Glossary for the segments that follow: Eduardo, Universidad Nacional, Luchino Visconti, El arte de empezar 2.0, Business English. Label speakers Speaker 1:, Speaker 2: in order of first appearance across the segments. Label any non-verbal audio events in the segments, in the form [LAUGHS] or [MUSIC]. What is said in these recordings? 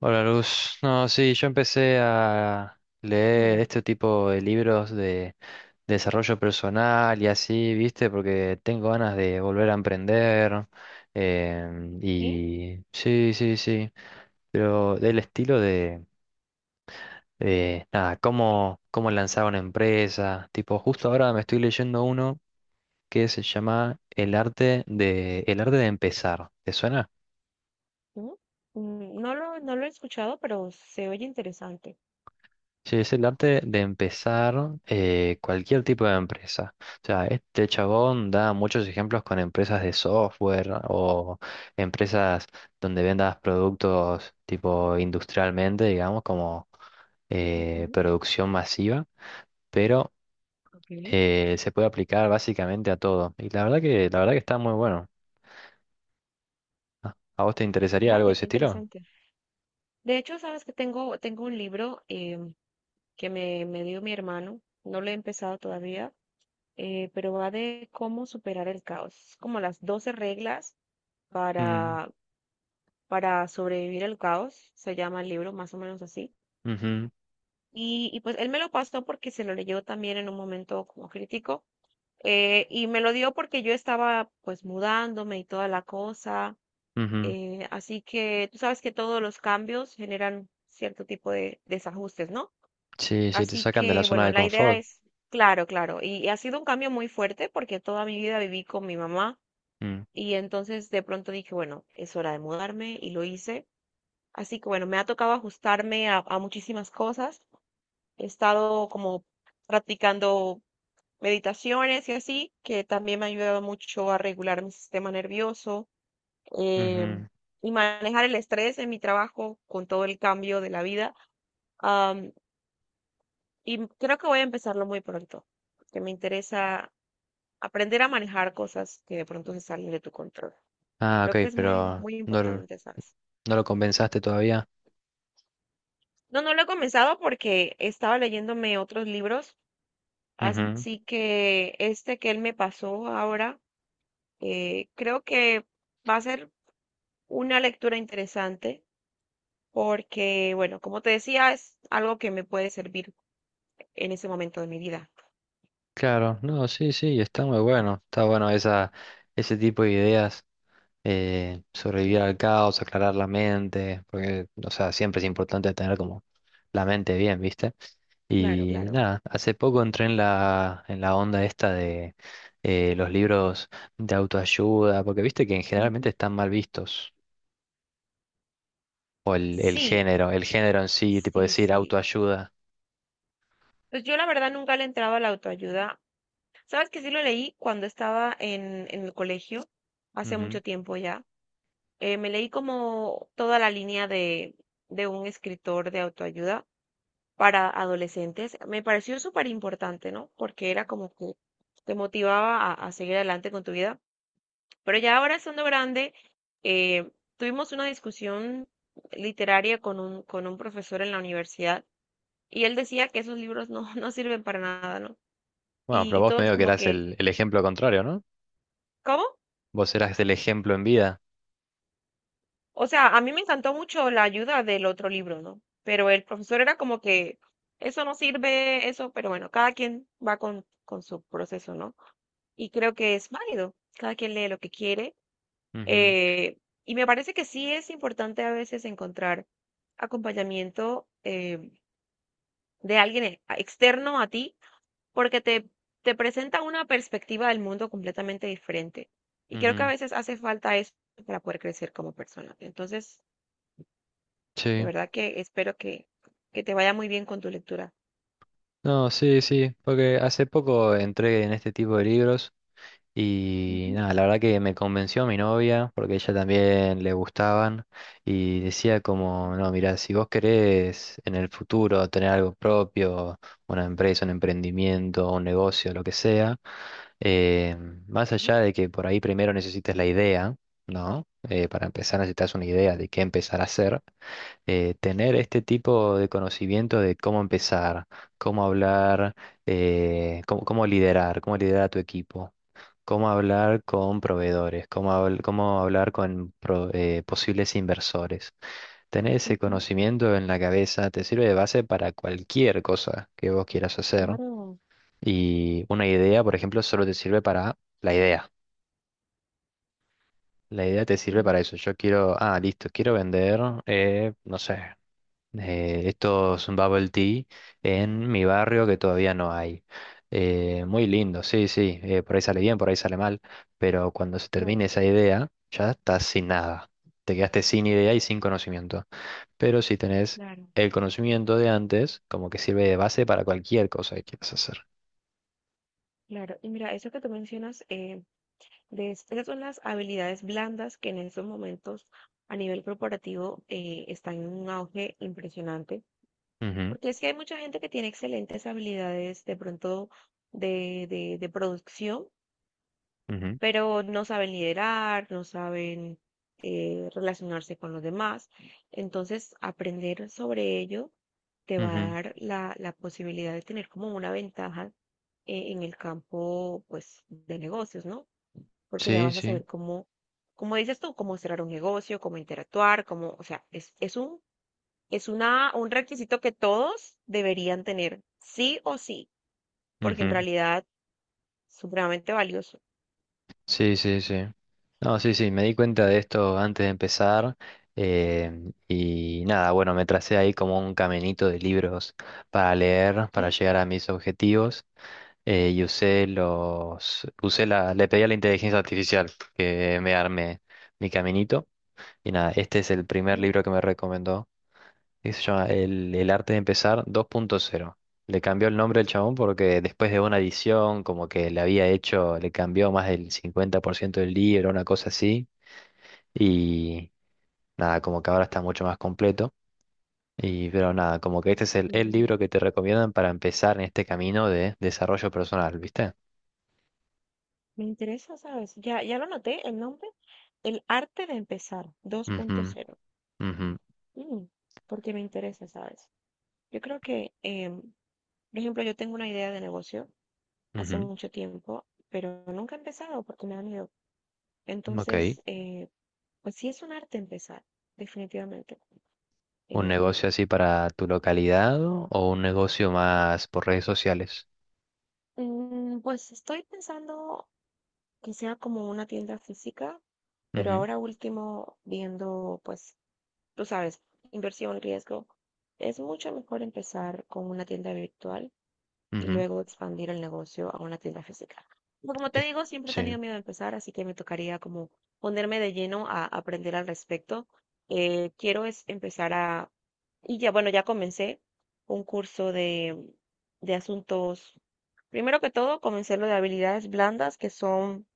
Speaker 1: Hola Luz, no, sí, yo empecé a leer
Speaker 2: Hola,
Speaker 1: este tipo de libros de desarrollo personal y así, viste, porque tengo ganas de volver a emprender
Speaker 2: ¿sí?
Speaker 1: y sí, sí, sí, pero del estilo de, nada, cómo lanzar una empresa, tipo, justo ahora me estoy leyendo uno que se llama El arte de empezar, ¿te suena?
Speaker 2: ¿No? Mm, no lo he escuchado, pero se oye interesante.
Speaker 1: Sí, es el arte de empezar cualquier tipo de empresa. O sea, este chabón da muchos ejemplos con empresas de software o empresas donde vendas productos tipo industrialmente, digamos, como
Speaker 2: Ujú,
Speaker 1: producción masiva, pero
Speaker 2: ok.
Speaker 1: se puede aplicar básicamente a todo. Y la verdad que está muy bueno. ¿A vos te interesaría algo de
Speaker 2: Vaya,
Speaker 1: ese
Speaker 2: qué
Speaker 1: estilo?
Speaker 2: interesante. De hecho, sabes que tengo un libro que me dio mi hermano. No lo he empezado todavía, pero va de cómo superar el caos, como las 12 reglas
Speaker 1: Mm,
Speaker 2: para, para sobrevivir al caos. Se llama el libro, más o menos así.
Speaker 1: ujú,
Speaker 2: Y pues él me lo pasó porque se lo leyó también en un momento como crítico. Y me lo dio porque yo estaba pues mudándome y toda la cosa.
Speaker 1: ujú.
Speaker 2: Así que tú sabes que todos los cambios generan cierto tipo de desajustes, ¿no?
Speaker 1: Sí, sí, te
Speaker 2: Así
Speaker 1: sacan de la
Speaker 2: que
Speaker 1: zona
Speaker 2: bueno,
Speaker 1: de
Speaker 2: la idea
Speaker 1: confort.
Speaker 2: es, claro, claro. Ha sido un cambio muy fuerte porque toda mi vida viví con mi mamá
Speaker 1: Mm.
Speaker 2: y entonces de pronto dije, bueno, es hora de mudarme y lo hice. Así que bueno, me ha tocado ajustarme a muchísimas cosas. He estado como practicando meditaciones y así, que también me ha ayudado mucho a regular mi sistema nervioso eh,
Speaker 1: Ujú.
Speaker 2: y manejar el estrés en mi trabajo con todo el cambio de la vida. Am, y creo que voy a empezarlo muy pronto, que me interesa aprender a manejar cosas que de pronto se salen de tu control.
Speaker 1: Ah,
Speaker 2: Creo que
Speaker 1: ok,
Speaker 2: es muy,
Speaker 1: pero
Speaker 2: muy
Speaker 1: no,
Speaker 2: importante, ¿sabes?
Speaker 1: no lo compensaste todavía.
Speaker 2: No, no lo he comenzado porque estaba leyéndome otros libros,
Speaker 1: Ujú.
Speaker 2: así que este que él me pasó ahora, creo que va a ser una lectura interesante porque, bueno, como te decía, es algo que me puede servir en ese momento de mi vida.
Speaker 1: Claro, no, sí, sí, está muy bueno. Ese tipo de ideas,
Speaker 2: Sí,
Speaker 1: sobrevivir al caos, aclarar la mente, porque, o sea, siempre es importante tener como la mente bien, ¿viste?
Speaker 2: claro,
Speaker 1: Y
Speaker 2: claro.
Speaker 1: nada, hace poco entré en la onda esta de los libros de autoayuda, porque viste que generalmente
Speaker 2: Ujú.
Speaker 1: están mal vistos, o
Speaker 2: Sí,
Speaker 1: el género en sí, tipo
Speaker 2: sí,
Speaker 1: decir
Speaker 2: sí.
Speaker 1: autoayuda.
Speaker 2: Pues yo la verdad nunca le entraba a la autoayuda. Sabes que sí lo leí cuando estaba en el colegio, hace
Speaker 1: Ujú.
Speaker 2: mucho tiempo ya. Me leí como toda la línea de un escritor de autoayuda para adolescentes. Me pareció súper importante, ¿no? Porque era como que te motivaba a seguir adelante con tu vida. Pero ya ahora estando grande, eh, tuvimos una discusión literaria con un profesor en la universidad y él decía que esos libros no, [LAUGHS] no sirven para nada, ¿no?
Speaker 1: Bueno,
Speaker 2: Y,
Speaker 1: pero
Speaker 2: y
Speaker 1: vos
Speaker 2: todos
Speaker 1: medio que
Speaker 2: como
Speaker 1: eras
Speaker 2: que,
Speaker 1: el ejemplo contrario, ¿no?
Speaker 2: ¿cómo?
Speaker 1: Vos eras el ejemplo en vida.
Speaker 2: O sea, a mí me encantó mucho la ayuda del otro libro, ¿no? Pero el profesor era como que, eso no sirve, eso, pero bueno, cada quien va con su proceso, ¿no? Y creo que es válido, cada quien lee lo que quiere.
Speaker 1: Ujú,
Speaker 2: Eh, y me parece que sí es importante a veces encontrar acompañamiento de alguien externo a ti, porque te presenta una perspectiva del mundo completamente diferente. Y creo que a
Speaker 1: ujú.
Speaker 2: veces hace falta eso para poder crecer como persona. Entonces, de
Speaker 1: Sí.
Speaker 2: verdad que espero que te vaya muy bien con tu lectura.
Speaker 1: No, sí, sí, porque hace poco entré en este tipo de libros. Y
Speaker 2: Ujú,
Speaker 1: nada, la verdad que me convenció mi novia, porque a ella también le gustaban, y decía como,
Speaker 2: ujú,
Speaker 1: no, mira, si vos querés en el futuro tener algo propio, una empresa, un emprendimiento, un negocio, lo que sea, eh, más allá de que por ahí primero necesites la idea, ¿no? Para empezar necesitas una idea de qué empezar a hacer, tener este tipo de conocimiento de cómo empezar, cómo hablar, cómo liderar a tu equipo, cómo hablar con proveedores, cómo hablar con posibles inversores. Tener ese
Speaker 2: ujú, ujú.
Speaker 1: conocimiento en la cabeza te sirve de base para cualquier cosa que vos quieras hacer.
Speaker 2: Claro,
Speaker 1: Y una idea, por ejemplo, solo te sirve para la idea. La idea te sirve
Speaker 2: sí,
Speaker 1: para eso. Yo quiero, ah, listo, quiero vender, no sé, estos bubble tea en mi barrio que todavía no hay. Muy lindo, sí, sí, por ahí sale bien, por ahí sale mal, pero cuando se
Speaker 2: claro,
Speaker 1: termine esa idea, ya estás sin nada. Te quedaste sin idea y sin conocimiento. Pero si tenés
Speaker 2: claro, claro.
Speaker 1: el conocimiento de antes, como que sirve de base para cualquier cosa que quieras hacer.
Speaker 2: Claro, y mira, eso que tú mencionas, de esas son las habilidades blandas que en estos momentos a nivel corporativo están en un auge impresionante,
Speaker 1: Ujú,
Speaker 2: porque es que hay mucha gente que tiene excelentes habilidades de pronto de, de producción,
Speaker 1: ujú,
Speaker 2: pero no saben liderar, no saben relacionarse con los demás. Entonces, aprender sobre ello te va a
Speaker 1: ujú.
Speaker 2: dar la, la posibilidad de tener como una ventaja en el campo pues, de negocios, ¿no? Porque ya
Speaker 1: Sí,
Speaker 2: vas a
Speaker 1: sí.
Speaker 2: saber cómo, como dices tú, cómo cerrar un negocio, cómo interactuar, cómo, o sea, es un, es una, un requisito que todos deberían tener, sí o sí, porque en
Speaker 1: Ujú.
Speaker 2: realidad es supremamente valioso.
Speaker 1: Sí, sí, sí. No, sí, sí, me di cuenta de esto antes de empezar. Y nada, bueno, me tracé ahí como un caminito de libros para leer, para
Speaker 2: Sí,
Speaker 1: llegar a mis objetivos. Usé la, le pedí a la inteligencia artificial que me arme mi caminito. Y nada, este es el primer
Speaker 2: sí,
Speaker 1: libro que me recomendó. ¿Qué se llama? El arte de empezar 2.0. Le cambió el nombre al chabón porque después de una edición, como que le había hecho, le cambió más del 50% del libro, una cosa así. Y nada, como que ahora está mucho más completo. Y pero nada, como que este
Speaker 2: no,
Speaker 1: es el
Speaker 2: mm,
Speaker 1: libro que te recomiendan para empezar en este camino de desarrollo personal, ¿viste?
Speaker 2: me interesa, ¿sabes? Ya, ya lo noté, el nombre, El arte de empezar
Speaker 1: Ujú,
Speaker 2: 2.0,
Speaker 1: ujú,
Speaker 2: mm, porque me interesa, ¿sabes? Yo creo que, por ejemplo, yo tengo una idea de negocio hace mucho tiempo, pero nunca he empezado porque me da miedo.
Speaker 1: ujú. Ok.
Speaker 2: Entonces, pues sí es un arte empezar, definitivamente.
Speaker 1: ¿Un
Speaker 2: Eh,
Speaker 1: negocio así para tu localidad o un negocio más por redes sociales?
Speaker 2: mm, pues estoy pensando que sea como una tienda física, pero
Speaker 1: Ujú,
Speaker 2: ahora último viendo, pues, tú sabes, inversión, riesgo, es mucho mejor empezar con una tienda virtual y
Speaker 1: ujú.
Speaker 2: luego expandir el negocio a una tienda física. Pero como te
Speaker 1: Es-
Speaker 2: digo, siempre he
Speaker 1: Sí.
Speaker 2: tenido miedo de empezar, así que me tocaría como ponerme de lleno a aprender al respecto. Quiero es empezar a, y ya, bueno, ya comencé un curso de asuntos. Primero que todo, comencé lo de habilidades blandas, que son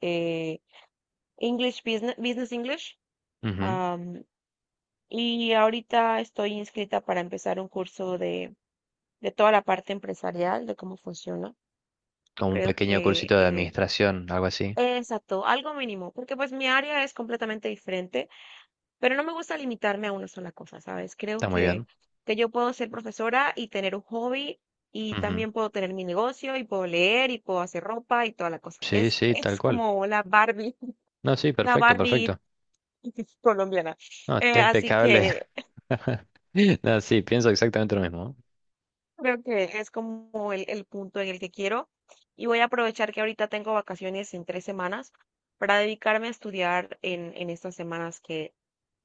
Speaker 2: eh, English Business, Business English.
Speaker 1: Ujú.
Speaker 2: am, y ahorita estoy inscrita para empezar un curso de toda la parte empresarial, de cómo funciona.
Speaker 1: Como un
Speaker 2: Creo
Speaker 1: pequeño
Speaker 2: que,
Speaker 1: cursito de administración, algo así.
Speaker 2: exacto, algo mínimo, porque pues mi área es completamente diferente, pero no me gusta limitarme a una sola cosa, ¿sabes? Creo
Speaker 1: Está muy bien.
Speaker 2: que yo puedo ser profesora y tener un hobby y
Speaker 1: Ujú,
Speaker 2: también puedo tener mi negocio y puedo leer y puedo hacer ropa y toda la cosa.
Speaker 1: sí, sí, tal
Speaker 2: Es
Speaker 1: cual.
Speaker 2: como la Barbie, [LAUGHS]
Speaker 1: No, sí,
Speaker 2: la
Speaker 1: perfecto,
Speaker 2: Barbie
Speaker 1: perfecto.
Speaker 2: [LAUGHS] colombiana.
Speaker 1: No, está
Speaker 2: Así
Speaker 1: impecable.
Speaker 2: que
Speaker 1: [LAUGHS] No, sí, pienso exactamente lo mismo.
Speaker 2: creo que es como el punto en el que quiero. Y voy a aprovechar que ahorita tengo vacaciones en 3 semanas para dedicarme a estudiar en estas semanas que,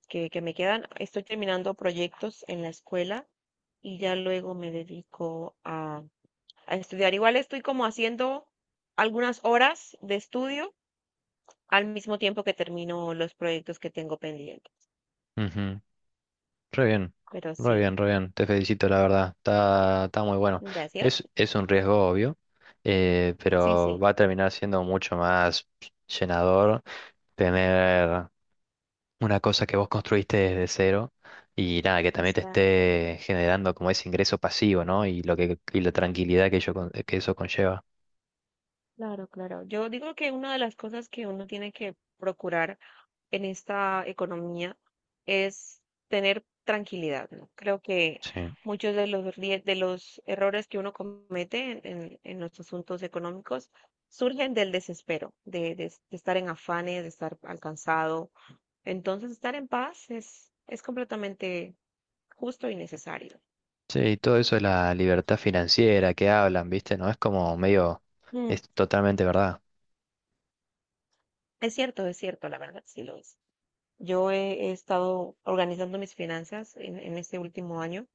Speaker 2: que me quedan. Estoy terminando proyectos en la escuela y ya luego me dedico a estudiar. Igual estoy como haciendo algunas horas de estudio al mismo tiempo que termino los proyectos que tengo pendientes.
Speaker 1: ¿Eh? Ujú, re bien,
Speaker 2: Pero
Speaker 1: re
Speaker 2: sí,
Speaker 1: bien, re bien. Te felicito, la verdad. Está, está muy bueno.
Speaker 2: gracias.
Speaker 1: Es un riesgo obvio,
Speaker 2: Sí,
Speaker 1: pero
Speaker 2: sí,
Speaker 1: va a terminar siendo mucho más llenador tener una cosa que vos construiste desde cero y nada, que también te
Speaker 2: exacto.
Speaker 1: esté generando como ese ingreso pasivo, ¿no? Y la tranquilidad que que eso conlleva.
Speaker 2: Claro, claro. Yo digo que una de las cosas que uno tiene que procurar en esta economía es tener tranquilidad, ¿no? Creo que
Speaker 1: Sí.
Speaker 2: muchos de los, de los errores que uno comete en los asuntos económicos surgen del desespero, de, de estar en afanes, de estar alcanzado. Entonces, estar en paz es completamente justo y necesario.
Speaker 1: Sí, y todo eso de la libertad financiera que hablan, ¿viste? No es como medio,
Speaker 2: Mm,
Speaker 1: es totalmente verdad.
Speaker 2: es cierto, es cierto, la verdad, sí lo es. Yo he, he estado organizando mis finanzas en este último año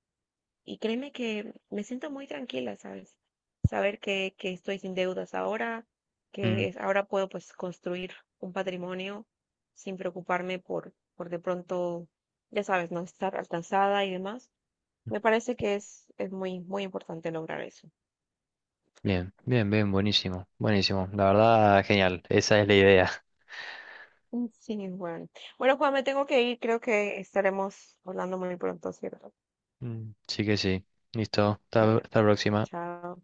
Speaker 2: y créeme que me siento muy tranquila, ¿sabes? Saber que estoy sin deudas ahora, que
Speaker 1: Mm.
Speaker 2: ahora puedo pues construir un patrimonio sin preocuparme por de pronto, ya sabes, no estar alcanzada y demás. Me parece que es muy, muy importante lograr eso.
Speaker 1: Bien, bien, bien, buenísimo, buenísimo. La verdad, genial, esa es la idea.
Speaker 2: Mm, sí, bueno. Bueno, Juan, me tengo que ir. Creo que estaremos hablando muy pronto, ¿cierto?
Speaker 1: Mm, sí que sí. Listo,
Speaker 2: Bueno,
Speaker 1: hasta la próxima.
Speaker 2: chao.